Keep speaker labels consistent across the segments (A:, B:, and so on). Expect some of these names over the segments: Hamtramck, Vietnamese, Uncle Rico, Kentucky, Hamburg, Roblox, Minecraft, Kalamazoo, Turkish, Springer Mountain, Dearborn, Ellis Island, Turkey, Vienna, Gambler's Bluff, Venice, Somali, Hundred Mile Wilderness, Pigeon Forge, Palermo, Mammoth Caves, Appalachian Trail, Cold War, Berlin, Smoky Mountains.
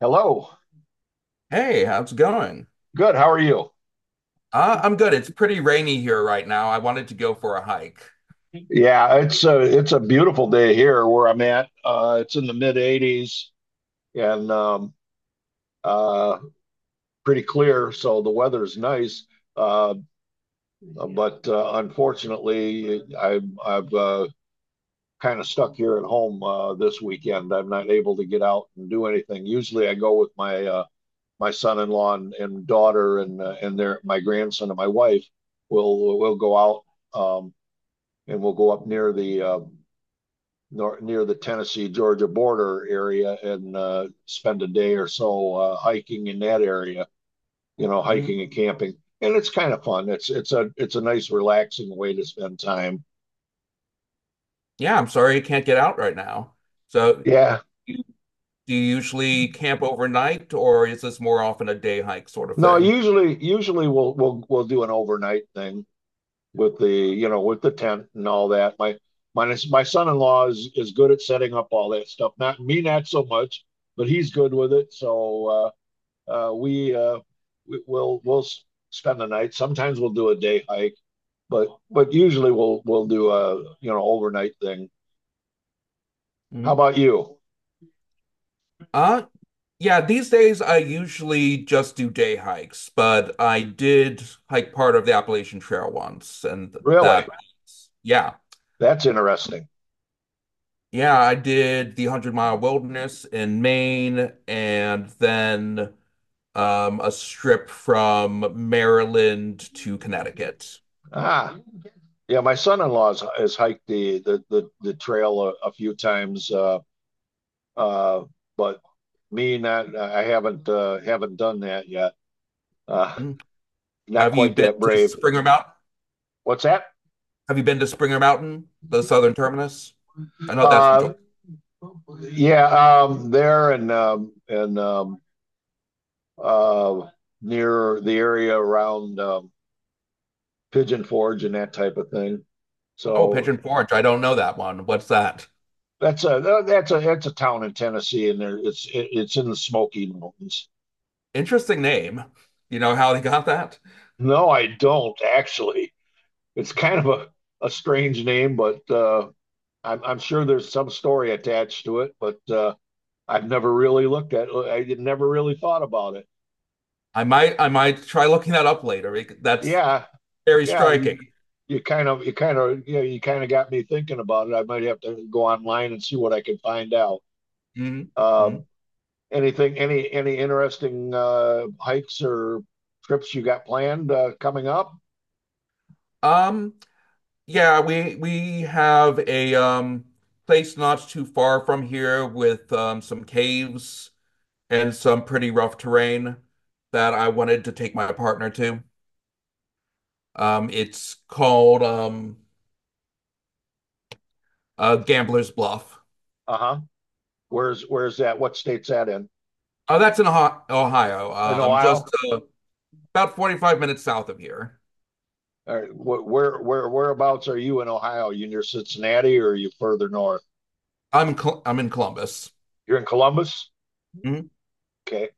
A: Hello.
B: Hey, how's it going?
A: Good. How are you?
B: I'm good. It's pretty rainy here right now. I wanted to go for a hike.
A: Yeah, it's a beautiful day here where I'm at. It's in the mid 80s and uh, pretty clear, so the weather's nice. Uh, but Unfortunately, I've kind of stuck here at home this weekend. I'm not able to get out and do anything. Usually, I go with my my son-in-law and daughter and their my grandson and my wife. We'll go out um, and we'll go up near the nor, near the Tennessee Georgia border area and spend a day or so hiking in that area. You know,
B: Mhm.
A: hiking and camping, and it's kind of fun. It's a nice relaxing way to spend time.
B: Yeah, I'm sorry you can't get out right now. So,
A: Yeah.
B: you- do you usually camp overnight, or is this more often a day hike sort of
A: No,
B: thing?
A: usually we'll do an overnight thing with the you know with the tent and all that. My son-in-law is good at setting up all that stuff. Not me, not so much, but he's good with it. Uh, we, uh, we'll spend the night. Sometimes we'll do a day hike, but usually we'll do a you know overnight thing. How
B: Mhm.
A: about you?
B: Uh, yeah, these days I usually just do day hikes, but I did hike part of the Appalachian Trail once, and
A: Really?
B: yeah.
A: That's interesting.
B: Yeah, I did the 100 Mile Wilderness in Maine, and then a strip from Maryland to Connecticut.
A: Ah, yeah. My son-in-law has hiked the trail a few times, uh, but me not. I haven't done that yet. Uh,
B: Mm.
A: Not
B: Have you
A: quite
B: been
A: that
B: to
A: brave.
B: Springer Mountain?
A: What's that?
B: Have you been to Springer Mountain, the southern terminus? I know that's
A: Uh,
B: enjoyable.
A: yeah, there and uh, near the area around Pigeon Forge and that type of thing.
B: Oh,
A: So
B: Pigeon Forge. I don't know that one. What's that?
A: that's a that's a town in Tennessee, and it's in the Smoky Mountains.
B: Interesting name. You know how they got that?
A: No, I don't actually. It's kind of a strange name, but I'm sure there's some story attached to it. But I've never really looked at. I never really thought about it.
B: I might try looking that up later. That's
A: Yeah,
B: very
A: yeah, you
B: striking.
A: kind of you know, you kind of got me thinking about it. I might have to go online and see what I can find out.
B: Mhm, mhm.
A: Um, any interesting hikes or trips you got planned coming up?
B: Um, yeah, we have a place not too far from here with some caves and some pretty rough terrain that I wanted to take my partner to. It's called Gambler's Bluff.
A: Uh-huh. Where's that? What state's that in?
B: Oh, that's in Ohio,
A: In
B: just
A: Ohio?
B: uh, about 45 minutes south of here.
A: Or wh- where Whereabouts are you in Ohio? You near Cincinnati or are you further north?
B: I'm in Columbus.
A: You're in Columbus?
B: Mhm.
A: Okay.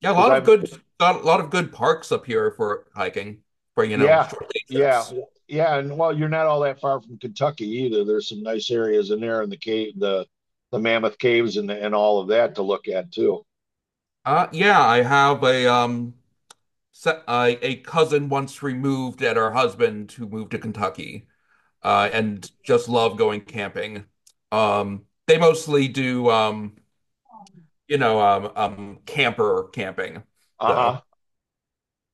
B: Yeah,
A: Because I've
B: a lot of good parks up here for hiking for
A: Yeah,
B: short day
A: yeah,
B: trips.
A: yeah. And well, you're not all that far from Kentucky either. There's some nice areas in there in the cave, the Mammoth Caves and all of that to look at too.
B: Yeah, I have a a cousin once removed and her husband who moved to Kentucky. And just love going camping. They mostly do camper camping, though.
A: Uh-huh.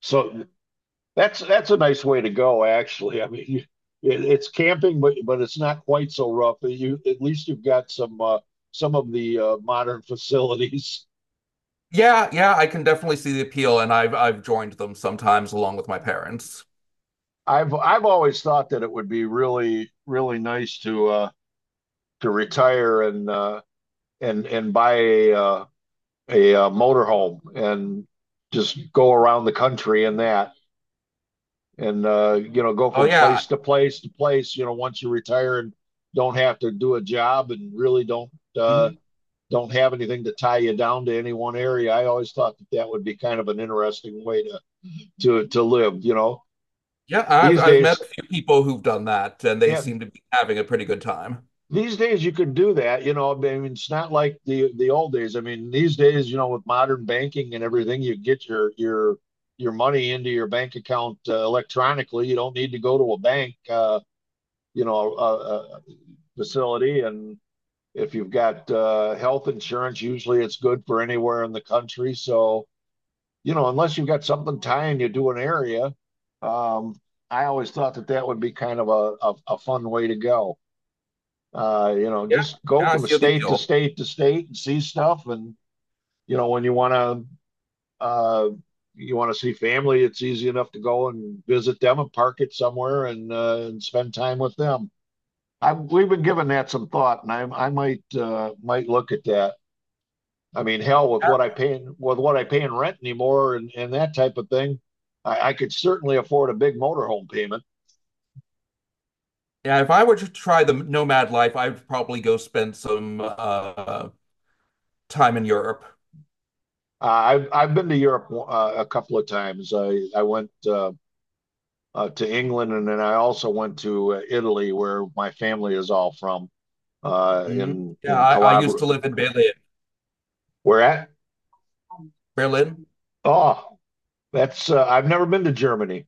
A: So that's a nice way to go, actually. I mean, it's camping, but it's not quite so rough. You at least you've got some of the modern facilities.
B: Yeah, yeah, I can definitely see the appeal, and I've joined them sometimes along with my parents.
A: I've always thought that it would be really really nice to retire and and buy a motorhome and just go around the country in that and you know go
B: Oh
A: from
B: yeah.
A: place to place to place you know once you retire and don't have to do a job and really uh,
B: Mhm.
A: don't have anything to tie you down to any one area. I always thought that that would be kind of an interesting way to to live, you know.
B: Yeah, I've
A: these
B: I've met a
A: days
B: few people who've done that, and they
A: yeah
B: seem to be having a pretty good time.
A: these days you could do that, you know. I mean, it's not like the old days. I mean, these days, you know, with modern banking and everything, you get your money into your bank account electronically. You don't need to go to a bank, a facility. And if you've got health insurance, usually it's good for anywhere in the country. So, you know, unless you've got something tying you to an area, um, I always thought that that would be kind of a fun way to go, you know,
B: Yeah,
A: just go
B: yeah, I
A: from
B: see the
A: state to
B: appeal.
A: state to state and see stuff. And you know, when uh, you want to see family, it's easy enough to go and visit them and park it somewhere and spend time with them. I, we've been giving that some thought, and I might look at that. I mean, hell, with what with what I pay in rent anymore and that type of thing, I could certainly afford a big motorhome payment.
B: Yeah, if I were to try the nomad life, I'd probably go spend some time in Europe.
A: Uh, I've been to Europe a couple of times. I went to England, and then I also went to Italy, where my family is all from, uh,
B: Mhm.
A: in
B: Yeah,
A: in
B: I used to
A: Calabria.
B: live in Berlin.
A: Where at?
B: Berlin.
A: Oh, that's I've never been to Germany.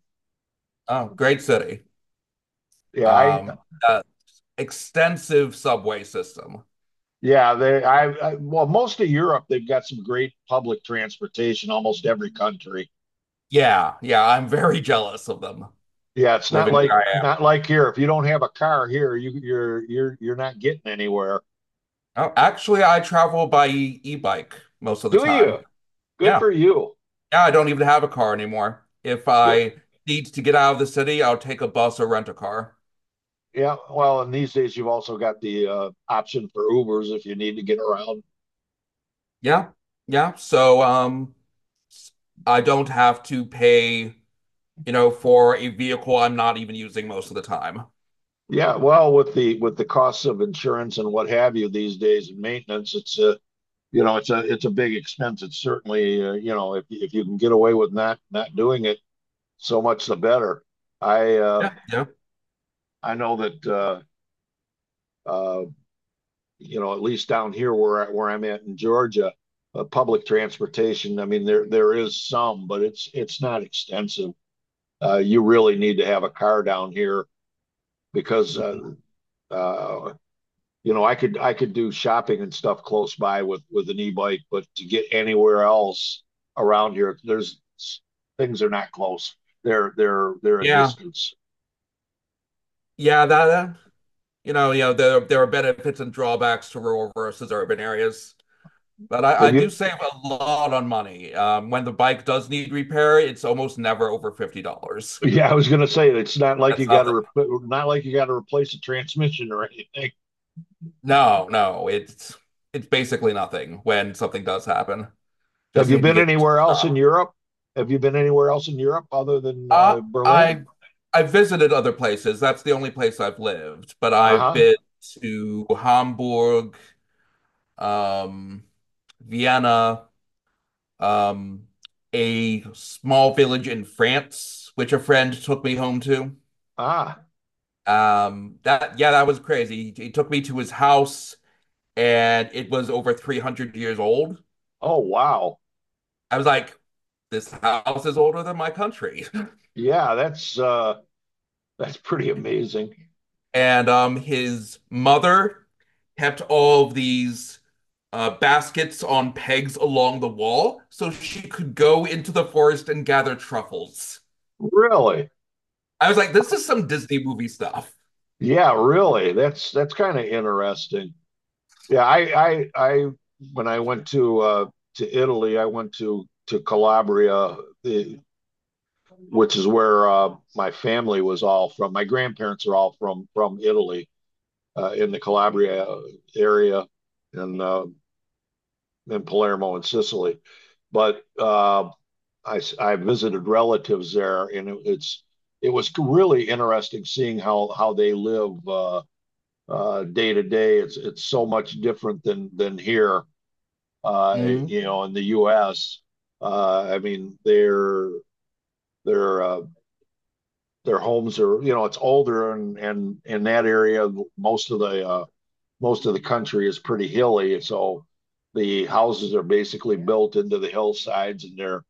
B: Oh, great city.
A: Yeah, I
B: Um, uh, Extensive subway system.
A: yeah they I well most of Europe they've got some great public transportation. Almost every country.
B: Yeah, yeah, I'm very jealous of them
A: Yeah, it's not
B: living
A: like
B: where I am.
A: here. If you don't have a car here, you're not getting anywhere.
B: Oh, actually, I travel by e-bike most of the
A: Do you?
B: time.
A: Good
B: Yeah,
A: for you.
B: yeah, I don't even have a car anymore. If
A: Good.
B: I need to get out of the city, I'll take a bus or rent a car.
A: Yeah. Well, and these days you've also got the option for Ubers if you need to get around.
B: Yeah, yeah. So, I don't have to pay, you know, for a vehicle I'm not even using most of the time.
A: Yeah, well, with the costs of insurance and what have you these days and maintenance, it's a you know it's a big expense. It's certainly you know if you can get away with not not doing it, so much the better. I uh,
B: Yeah, yeah,
A: I know that uh, you know at least down here where where I'm at in Georgia, public transportation. I mean there there is some, but it's not extensive. You really need to have a car down here because uh, you know, I could do shopping and stuff close by with an e-bike, but to get anywhere else around here, there's things are not close. They're a
B: yeah,
A: distance.
B: yeah. That you know, there are benefits and drawbacks to rural versus urban areas. But I
A: Have
B: do
A: you?
B: save a lot on money. When the bike does need repair, it's almost never over $50.
A: Yeah, I was gonna say it's not like you
B: That's
A: got to
B: nothing.
A: repl not like you got to replace a transmission or anything.
B: No, no, it's basically nothing when something does happen.
A: Have
B: Just
A: you
B: need to
A: been
B: get it to
A: anywhere
B: the
A: else in
B: shop.
A: Europe? Have you been anywhere else in Europe other than
B: Uh,
A: Berlin?
B: I I visited other places. That's the only place I've lived, but I've
A: Uh-huh.
B: been to Hamburg, um, Vienna, um, a small village in France, which a friend took me home to.
A: Ah.
B: That Yeah, that was crazy. He took me to his house, and it was over 300 years old.
A: Oh wow.
B: I was like, this house is older than my country.
A: Yeah, that's pretty amazing.
B: And his mother kept all of these baskets on pegs along the wall so she could go into the forest and gather truffles.
A: Really?
B: I was like, this is some Disney movie stuff.
A: Yeah, really. That's kind of interesting. Yeah, I when I went to Italy, I went to Calabria, the, which is where my family was all from. My grandparents are all from Italy, in the Calabria area and in Palermo in Sicily. But I visited relatives there and it's it was really interesting seeing how they live. Day to day. It's so much different than here.
B: Mm-hmm.
A: You know, in the U.S., I mean, their their homes are you know it's older and in that area most of the uh, most of the country is pretty hilly, so the houses are basically built into the hillsides and they're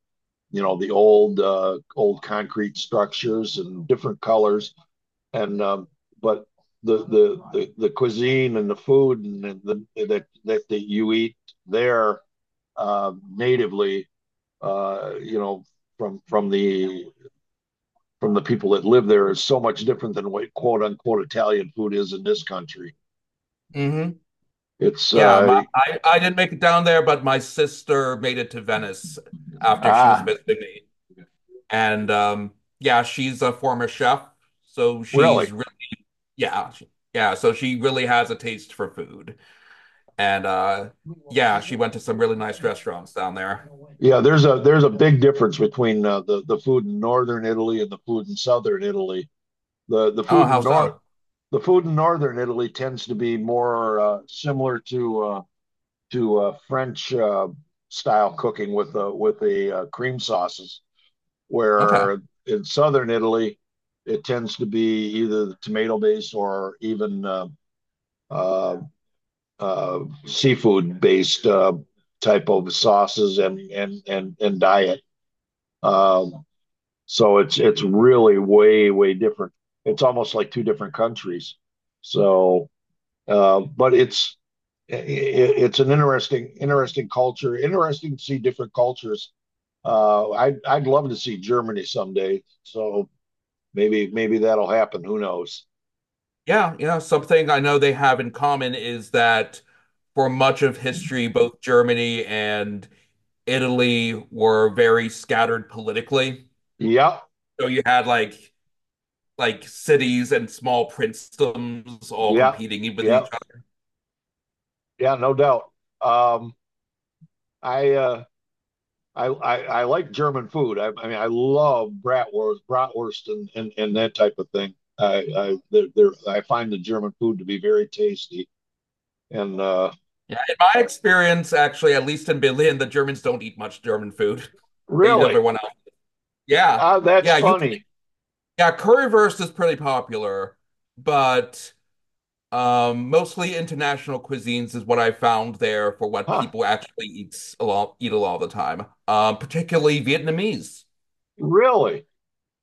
A: you know the old concrete structures and different colors and but the the cuisine and the food and the that you eat there natively, you know, from from the from the people that live there is so much different than what quote unquote Italian food is in this country.
B: Mm-hmm.
A: It's
B: Yeah,
A: uh,
B: I didn't make it down there, but my sister made it to Venice after she was
A: ah,
B: visiting me. And yeah, she's a former chef, so she's
A: really.
B: yeah, she- yeah, so she really has a taste for food. And yeah, she went to some really nice restaurants down there.
A: Yeah, there's a big difference between the food in northern Italy and the food in southern Italy. The the
B: Oh,
A: food
B: how
A: in north
B: so?
A: the food in northern Italy tends to be more similar to French style cooking with the cream sauces,
B: Okay.
A: where in southern Italy it tends to be either tomato based or even uh, uh, seafood based type of sauces and diet. Um, so it's really way way different. It's almost like two different countries. So Uh, but it's i- it's an interesting interesting culture. Interesting to see different cultures. I'd love to see Germany someday. So maybe maybe that'll happen. Who knows?
B: Yeah, yeah, something I know they have in common is that for much of history, both Germany and Italy were very scattered politically.
A: Yeah,
B: So you had like cities and small princedoms all
A: yeah,
B: competing with
A: yeah,
B: each other.
A: yeah. No doubt. Um, I, uh, I like German food. I mean, I love bratwurst, bratwurst, and and that type of thing. They're, I find the German food to be very tasty. And
B: Yeah, in my experience, actually, at least in Berlin, the Germans don't eat much German food. They eat
A: really,
B: everyone else. Yeah,
A: ah, that's
B: yeah,
A: funny.
B: yeah, currywurst is pretty popular, but mostly international cuisines is what I found there for what
A: Huh?
B: people actually eats a lot eat a lot of the time. Particularly Vietnamese
A: Really?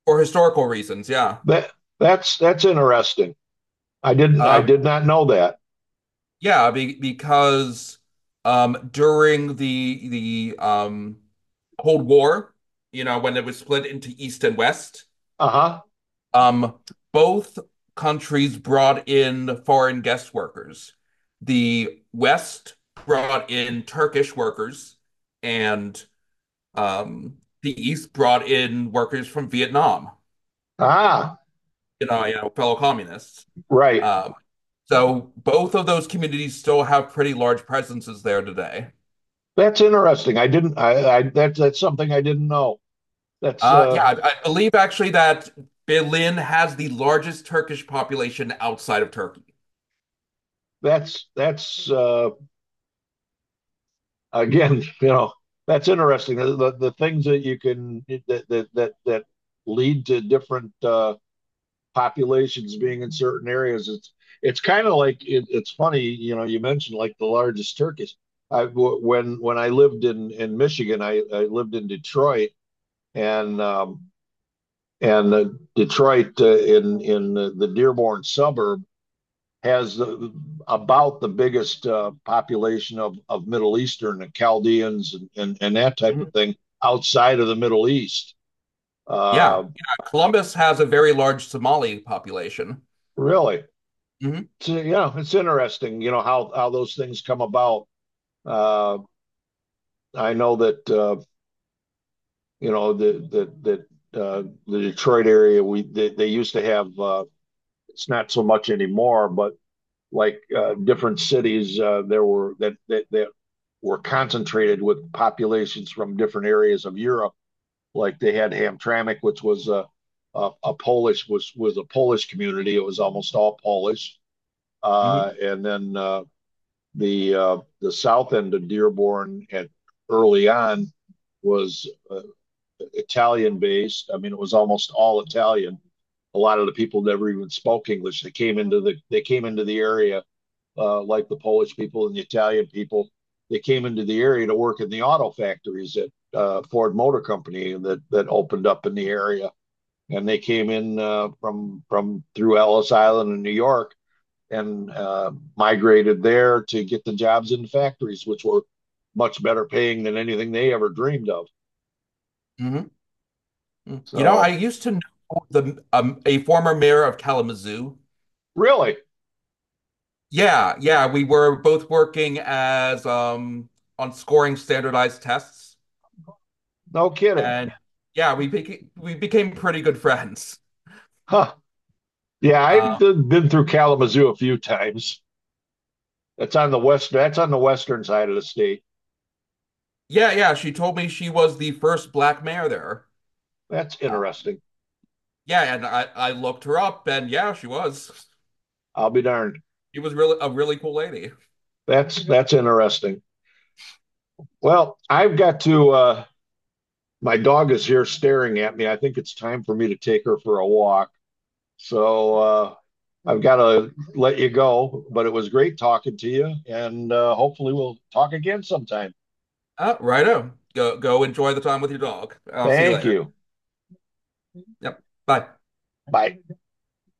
B: for historical reasons. Yeah.
A: That that's that's interesting. I
B: Um,
A: did not know that.
B: yeah, because during the Cold War, you know, when it was split into East and West,
A: Uh-huh.
B: um, both countries brought in foreign guest workers. The West brought in Turkish workers, and the East brought in workers from Vietnam,
A: Ah,
B: you know, fellow communists.
A: right.
B: Um, so both of those communities still have pretty large presences there today.
A: That's interesting. I that's something I didn't know. That's
B: Yeah,
A: uh
B: I believe actually that Berlin has the largest Turkish population outside of Turkey.
A: that's again, you know, that's interesting. The things that you can that lead to different populations being in certain areas. It's kind of like it's funny, you know. You mentioned like the largest turkeys. I w- when I lived in Michigan, I lived in Detroit and um, and Detroit in the Dearborn suburb has about the biggest population of Middle Eastern and Chaldeans and that type
B: Mhm.
A: of thing outside of the Middle East.
B: Yeah,
A: Uh,
B: yeah, Columbus has a very large Somali population.
A: Really.
B: Mhm,
A: So, yeah, it's interesting, you know, how those things come about. Uh, I know that you know that the Detroit area they used to have it's not so much anymore, but like different cities there were that that that were concentrated with populations from different areas of Europe. Like they had Hamtramck, which was a Polish was a Polish community. It was almost all Polish,
B: mhm,
A: and then the south end of Dearborn at early on was Italian based. I mean, it was almost all Italian. A lot of the people never even spoke English. They came into the area like the Polish people and the Italian people. They came into the area to work in the auto factories at Ford Motor Company that that opened up in the area, and they came in from through Ellis Island in New York and migrated there to get the jobs in factories, which were much better paying than anything they ever dreamed of.
B: mhm. Mm. You know, I
A: So,
B: used to know the a former mayor of Kalamazoo.
A: really,
B: Yeah, yeah, we were both working as on scoring standardized tests,
A: no kidding.
B: and yeah, we became pretty good friends.
A: Huh. Yeah, I've
B: Uh,
A: been through Kalamazoo a few times. That's on the western side of the state.
B: yeah, yeah, she told me she was the first black mayor there.
A: That's interesting.
B: Yeah, and I looked her up, and yeah, she was.
A: I'll be darned.
B: She was really a really cool lady.
A: That's interesting. Well, I've got to. My dog is here staring at me. I think it's time for me to take her for a walk. So I've got to let you go, but it was great talking to you. And hopefully we'll talk again sometime.
B: Righto. Go enjoy the time with your dog. I'll see you
A: Thank
B: later.
A: you.
B: Yep. Bye.
A: Bye.